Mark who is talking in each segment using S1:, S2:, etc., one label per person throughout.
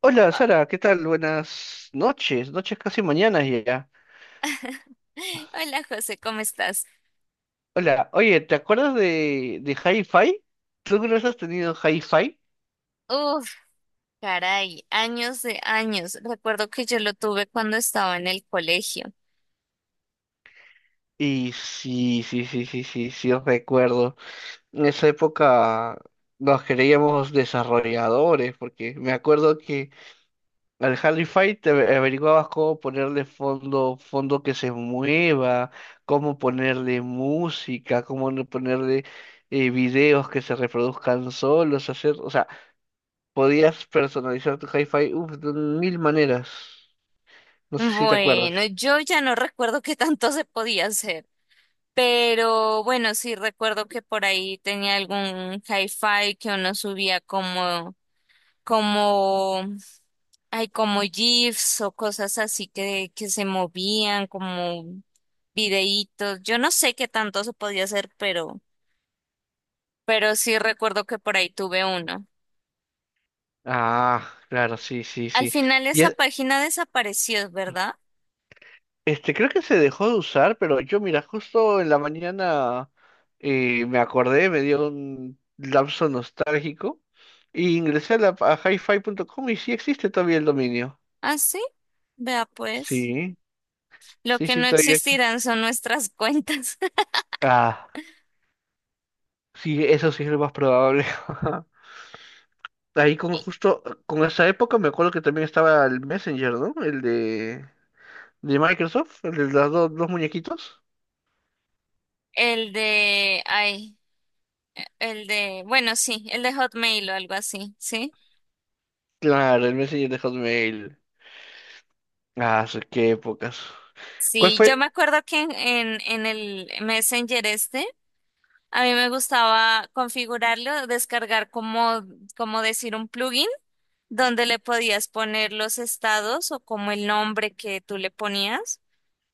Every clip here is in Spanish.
S1: Hola Sara, ¿qué tal? Buenas noches, noches casi mañanas ya.
S2: Hola José, ¿cómo estás?
S1: Hola, oye, ¿te acuerdas de Hi-Fi? ¿Tú alguna vez has tenido Hi-Fi?
S2: Uf, caray, años de años. Recuerdo que yo lo tuve cuando estaba en el colegio.
S1: Y sí, sí, sí, sí, sí, sí, os recuerdo. En esa época nos creíamos desarrolladores, porque me acuerdo que al Hi-Fi te averiguabas cómo ponerle fondo, fondo que se mueva, cómo ponerle música, cómo no ponerle videos que se reproduzcan solos, hacer, o sea, podías personalizar tu hi-fi uf, de mil maneras. No sé si te
S2: Bueno,
S1: acuerdas.
S2: yo ya no recuerdo qué tanto se podía hacer, pero bueno, sí recuerdo que por ahí tenía algún hi-fi que uno subía como, como GIFs o cosas así que se movían, como videitos. Yo no sé qué tanto se podía hacer, pero sí recuerdo que por ahí tuve uno.
S1: Ah, claro, sí, sí,
S2: Al
S1: sí.
S2: final
S1: Y
S2: esa página desapareció, ¿verdad?
S1: este, creo que se dejó de usar, pero yo, mira, justo en la mañana me acordé, me dio un lapso nostálgico y ingresé a hi-fi.com y sí existe todavía el dominio.
S2: Ah, sí. Vea pues.
S1: Sí,
S2: Lo
S1: sí,
S2: que
S1: sí,
S2: no
S1: todavía.
S2: existirán son nuestras cuentas.
S1: Ah, sí, eso sí es lo más probable. Ahí
S2: Y
S1: con esa época me acuerdo que también estaba el Messenger, ¿no? El de... ¿De Microsoft? ¿El de los dos muñequitos?
S2: el de, el de, bueno, sí, el de Hotmail o algo así, ¿sí?
S1: Claro, el Messenger de Hotmail. Ah, sí, qué épocas. ¿Cuál
S2: Sí, yo
S1: fue?
S2: me acuerdo que en el Messenger este, a mí me gustaba configurarlo, descargar como decir un plugin donde le podías poner los estados o como el nombre que tú le ponías.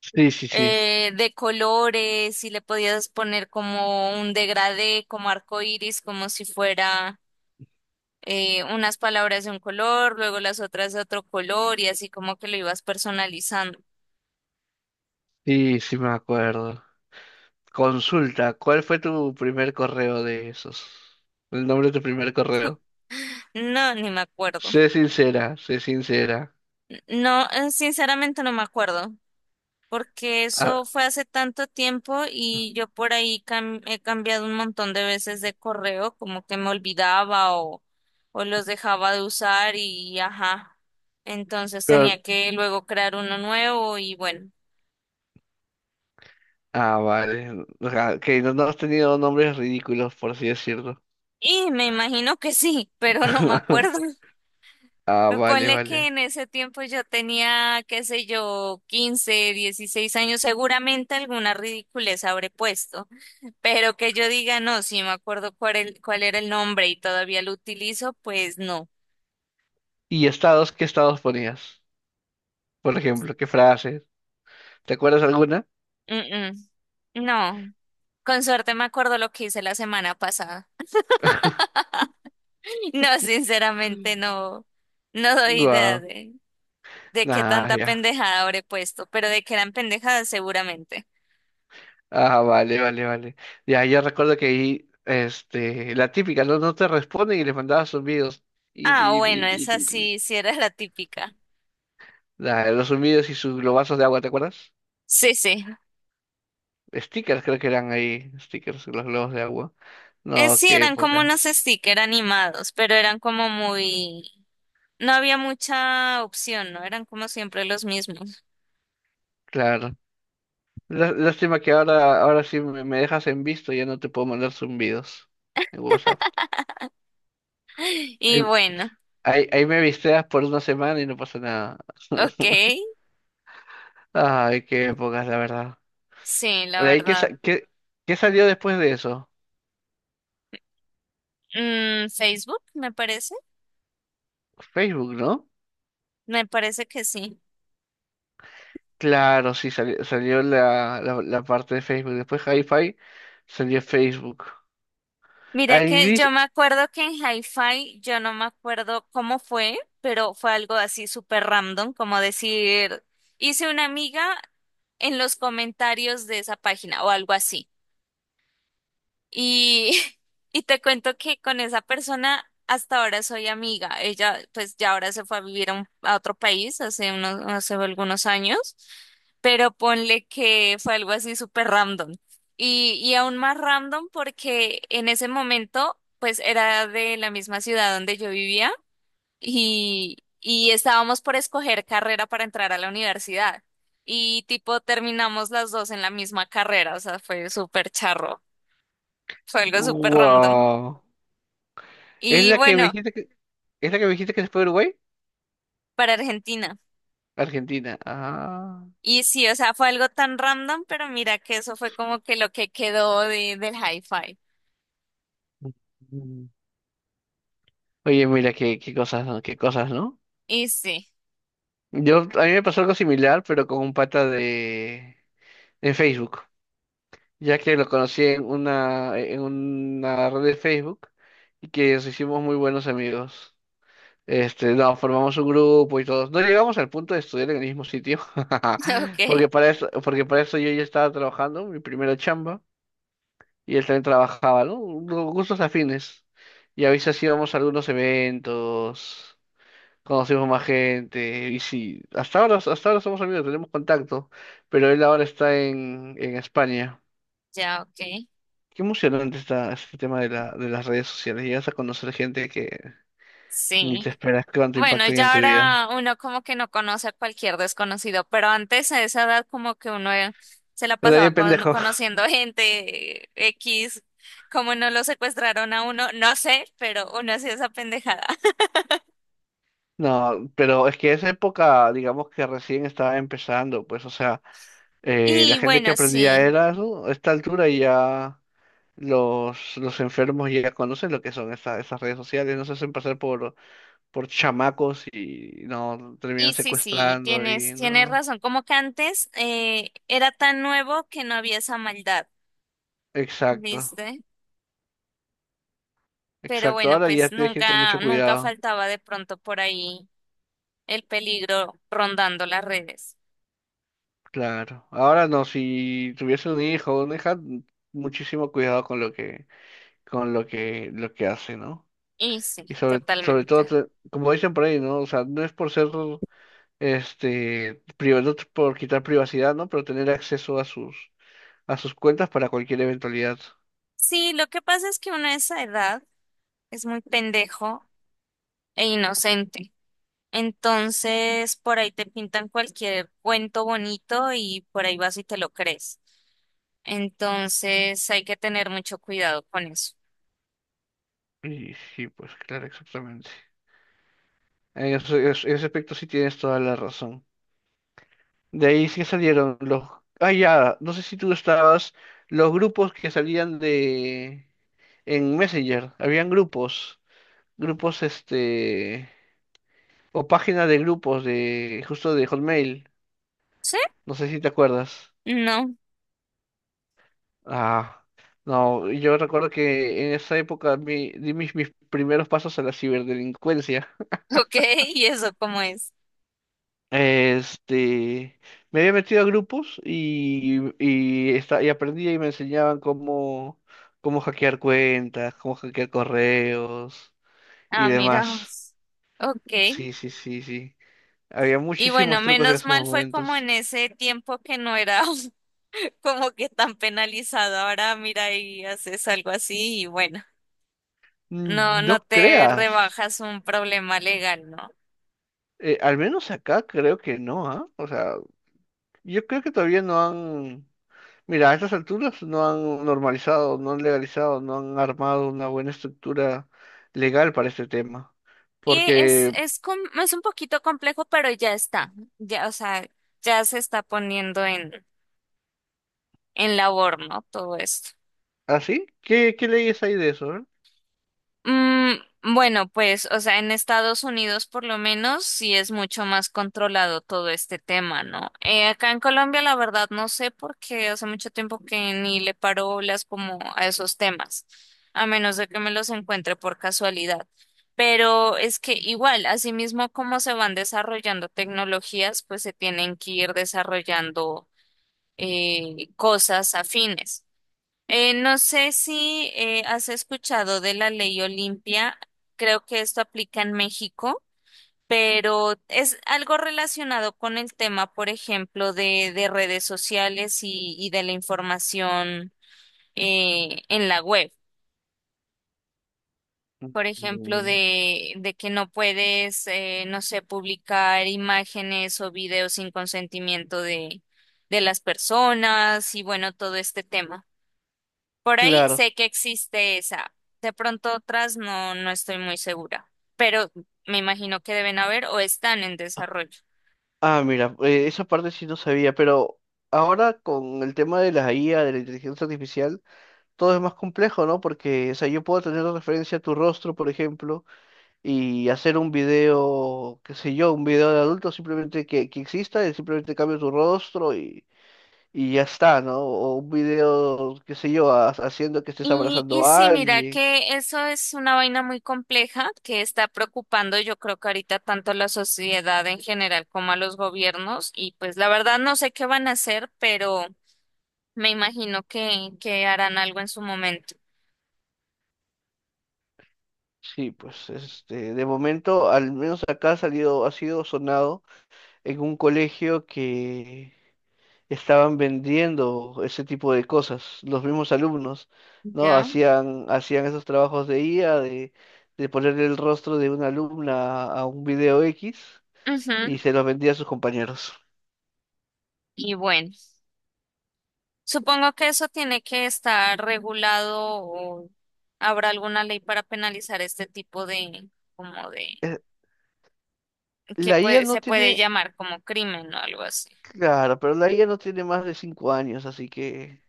S1: Sí, sí, sí.
S2: De colores y le podías poner como un degradé, como arco iris, como si fuera unas palabras de un color, luego las otras de otro color y así como que lo ibas personalizando.
S1: Sí, sí me acuerdo. Consulta, ¿cuál fue tu primer correo de esos? El nombre de tu primer correo.
S2: No, ni me acuerdo.
S1: Sé sincera, sé sincera.
S2: No, sinceramente no me acuerdo, porque
S1: Ah,
S2: eso fue hace tanto tiempo y yo por ahí he cambiado un montón de veces de correo, como que me olvidaba o los dejaba de usar y ajá. Entonces
S1: pero...
S2: tenía que luego crear uno nuevo y bueno.
S1: Ah, vale. O sea, que no has tenido nombres ridículos, por así decirlo.
S2: Y me imagino que sí, pero no me acuerdo.
S1: Ah,
S2: Me
S1: vale,
S2: ponle que en
S1: vale.
S2: ese tiempo yo tenía, qué sé yo, 15, 16 años, seguramente alguna ridiculez habré puesto. Pero que yo diga, no, si me acuerdo cuál, cuál era el nombre y todavía lo utilizo, pues no.
S1: ¿Y estados? ¿Qué estados ponías? Por ejemplo, ¿qué frases? ¿Te acuerdas alguna?
S2: Mm, mm. No, con suerte me acuerdo lo que hice la semana pasada. No, sinceramente no, no doy idea
S1: Guau.
S2: de qué
S1: Ah,
S2: tanta
S1: ya.
S2: pendejada habré puesto, pero de que eran pendejadas seguramente.
S1: Ah, vale, vale, vale. Ya, yo recuerdo que ahí, este, la típica, no te responden y les mandabas zumbidos. Y,
S2: Ah,
S1: y-
S2: bueno,
S1: y-
S2: esa
S1: y- y-
S2: sí, sí era la típica.
S1: los zumbidos y sus globazos de agua, ¿te acuerdas?
S2: Sí, sí.
S1: Stickers creo que eran ahí, stickers, los globos de agua. No,
S2: Sí,
S1: qué
S2: eran como unos
S1: épocas.
S2: stickers animados, pero eran como muy... No había mucha opción, ¿no? Eran como siempre los mismos.
S1: Claro. Lástima que ahora sí me dejas en visto, ya no te puedo mandar zumbidos en WhatsApp.
S2: Y
S1: Ahí,
S2: bueno,
S1: ahí me visteas por una semana y no pasa nada.
S2: ok,
S1: Ay, qué épocas, la verdad.
S2: sí, la
S1: De ahí,
S2: verdad.
S1: qué salió después de eso?
S2: Facebook,
S1: Facebook, ¿no?
S2: me parece que sí.
S1: Claro, sí, salió, la parte de Facebook. Después Hi-Fi salió Facebook.
S2: Mira que
S1: Irish,
S2: yo me acuerdo que en Hi-Fi, yo no me acuerdo cómo fue, pero fue algo así súper random, como decir, hice una amiga en los comentarios de esa página o algo así. Y, y te cuento que con esa persona hasta ahora soy amiga. Ella pues ya ahora se fue a vivir a, a otro país hace hace algunos años, pero ponle que fue algo así súper random. Y aún más random porque en ese momento pues era de la misma ciudad donde yo vivía y estábamos por escoger carrera para entrar a la universidad. Y tipo terminamos las dos en la misma carrera, o sea, fue súper charro. Fue algo súper random.
S1: wow. ¿Es
S2: Y
S1: la que me
S2: bueno,
S1: dijiste que, es la que me dijiste que se fue a Uruguay?
S2: para Argentina.
S1: Argentina. Ah.
S2: Y sí, o sea, fue algo tan random, pero mira que eso fue como que lo que quedó del hi-fi.
S1: Mm. Oye, mira, qué cosas, ¿no? Qué cosas, ¿no?
S2: Y sí,
S1: Yo, a mí me pasó algo similar, pero con un pata en Facebook. Ya que lo conocí en una red de Facebook y que nos hicimos muy buenos amigos. Este, no, formamos un grupo y todos. No llegamos al punto de estudiar en el mismo sitio, porque
S2: ok,
S1: para eso, porque para eso yo ya estaba trabajando, mi primera chamba, y él también trabajaba, ¿no? Gustos afines. Y a veces íbamos a algunos eventos, conocimos más gente, y sí, hasta ahora somos amigos, tenemos contacto, pero él ahora está en España.
S2: ya, ok.
S1: Qué emocionante está este tema de las redes sociales. Llegas a conocer gente que ni te
S2: Sí.
S1: esperas cuánto
S2: Bueno,
S1: impacto hay en
S2: ya
S1: tu vida.
S2: ahora uno como que no conoce a cualquier desconocido, pero antes a esa edad como que uno se la
S1: Pero
S2: pasaba
S1: bien pendejo.
S2: conociendo gente X, como no lo secuestraron a uno, no sé, pero uno hacía esa pendejada.
S1: No, pero es que esa época, digamos que recién estaba empezando, pues, o sea, la
S2: Y
S1: gente
S2: bueno,
S1: que aprendía
S2: sí.
S1: era eso, a esta altura y ya los enfermos ya conocen lo que son esas redes sociales, no se hacen pasar por chamacos y no terminan
S2: Y sí, sí,
S1: secuestrando y
S2: tienes
S1: no.
S2: razón. Como que antes era tan nuevo que no había esa maldad,
S1: Exacto,
S2: ¿viste? Pero
S1: exacto.
S2: bueno,
S1: Ahora ya
S2: pues
S1: tienes que ir con
S2: nunca,
S1: mucho
S2: nunca
S1: cuidado.
S2: faltaba de pronto por ahí el peligro rondando las redes.
S1: Claro. Ahora no, si tuviese un hijo o una hija, muchísimo cuidado con lo que, lo que hace, ¿no?
S2: Y sí,
S1: Y sobre todo,
S2: totalmente.
S1: como dicen por ahí, ¿no? O sea, no es por ser, este, privado, no es por quitar privacidad, ¿no? Pero tener acceso a sus cuentas para cualquier eventualidad.
S2: Sí, lo que pasa es que uno a esa edad es muy pendejo e inocente. Entonces, por ahí te pintan cualquier cuento bonito y por ahí vas y te lo crees. Entonces, hay que tener mucho cuidado con eso.
S1: Y sí, pues claro, exactamente. En ese aspecto sí tienes toda la razón. De ahí sí salieron los... Ah, ya, no sé si tú estabas, los grupos que salían de... en Messenger, habían grupos, grupos este, o página de grupos justo de Hotmail,
S2: ¿Sí?
S1: no sé si te acuerdas.
S2: No.
S1: Ah, no, yo recuerdo que en esa época di mis primeros pasos a la ciberdelincuencia.
S2: Ok, ¿y eso cómo es?
S1: Este, me había metido a grupos y aprendí y me enseñaban cómo hackear cuentas, cómo hackear correos y
S2: Ah, mira,
S1: demás.
S2: vos. Ok.
S1: Sí, sí, sí, sí. Había
S2: Y bueno,
S1: muchísimos trucos en
S2: menos
S1: esos
S2: mal fue como
S1: momentos.
S2: en ese tiempo que no era como que tan penalizado. Ahora mira y haces algo así y bueno, no,
S1: Mm, no
S2: no te
S1: creas.
S2: rebajas un problema legal, ¿no?
S1: Al menos acá creo que no, ¿ah? O sea, yo creo que todavía no han... Mira, a estas alturas no han normalizado, no han legalizado, no han armado una buena estructura legal para este tema.
S2: Y
S1: Porque,
S2: es, es un poquito complejo, pero ya está. Ya, o sea, ya se está poniendo en labor, ¿no? Todo esto.
S1: ¿así? ¿Qué leyes hay de eso? ¿eh?
S2: Mm, bueno, pues, o sea, en Estados Unidos por lo menos sí es mucho más controlado todo este tema, ¿no? Acá en Colombia la verdad no sé porque hace mucho tiempo que ni le paro bolas como a esos temas, a menos de que me los encuentre por casualidad. Pero es que igual, asimismo como se van desarrollando tecnologías, pues se tienen que ir desarrollando cosas afines. No sé si has escuchado de la ley Olimpia, creo que esto aplica en México, pero es algo relacionado con el tema, por ejemplo, de redes sociales y de la información en la web. Por ejemplo,
S1: Mm,
S2: de que no puedes, no sé, publicar imágenes o videos sin consentimiento de las personas y bueno, todo este tema. Por ahí
S1: claro.
S2: sé que existe esa. De pronto otras no, no estoy muy segura, pero me imagino que deben haber o están en desarrollo.
S1: Ah, mira, esa parte sí no sabía, pero ahora con el tema de la IA, de la inteligencia artificial, todo es más complejo, ¿no? Porque, o sea, yo puedo tener de referencia tu rostro, por ejemplo, y hacer un video, qué sé yo, un video de adulto simplemente que exista, y simplemente cambio tu rostro y ya está, ¿no? O un video, qué sé yo, haciendo que estés
S2: Y
S1: abrazando a
S2: sí, mira
S1: alguien.
S2: que eso es una vaina muy compleja que está preocupando yo creo que ahorita tanto a la sociedad en general como a los gobiernos y pues la verdad no sé qué van a hacer, pero me imagino que harán algo en su momento.
S1: Sí, pues este, de momento, al menos acá ha salido, ha sido sonado en un colegio que estaban vendiendo ese tipo de cosas. Los mismos alumnos, ¿no?
S2: ¿Ya?
S1: Hacían esos trabajos de IA, de ponerle el rostro de una alumna a un video X
S2: Ujú.
S1: y se los vendía a sus compañeros.
S2: Y bueno. Supongo que eso tiene que estar regulado o habrá alguna ley para penalizar este tipo de, como de,
S1: Eh, La IA no
S2: se puede
S1: tiene,
S2: llamar como crimen o algo así.
S1: claro, pero la IA no tiene más de 5 años, así que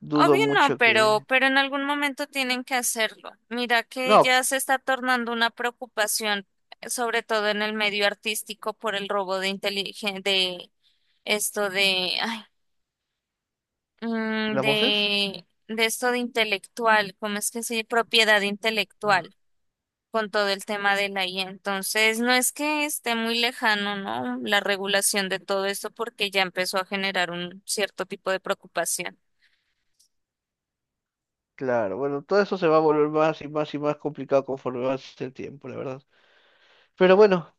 S1: dudo
S2: Obvio no,
S1: mucho que...
S2: pero en algún momento tienen que hacerlo. Mira que
S1: No,
S2: ya se está tornando una preocupación, sobre todo en el medio artístico, por el robo de de esto
S1: ¿las voces?
S2: de esto de intelectual, ¿cómo es que se dice? Propiedad
S1: Ah,
S2: intelectual, con todo el tema de la IA. Entonces, no es que esté muy lejano, ¿no? La regulación de todo esto porque ya empezó a generar un cierto tipo de preocupación.
S1: claro, bueno, todo eso se va a volver más y más y más complicado conforme avance el tiempo, la verdad. Pero bueno,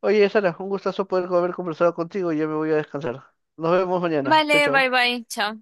S1: oye, Sara, un gustazo poder haber conversado contigo. Ya me voy a descansar. Nos vemos mañana. Chau,
S2: Vale,
S1: chau.
S2: bye bye, chao.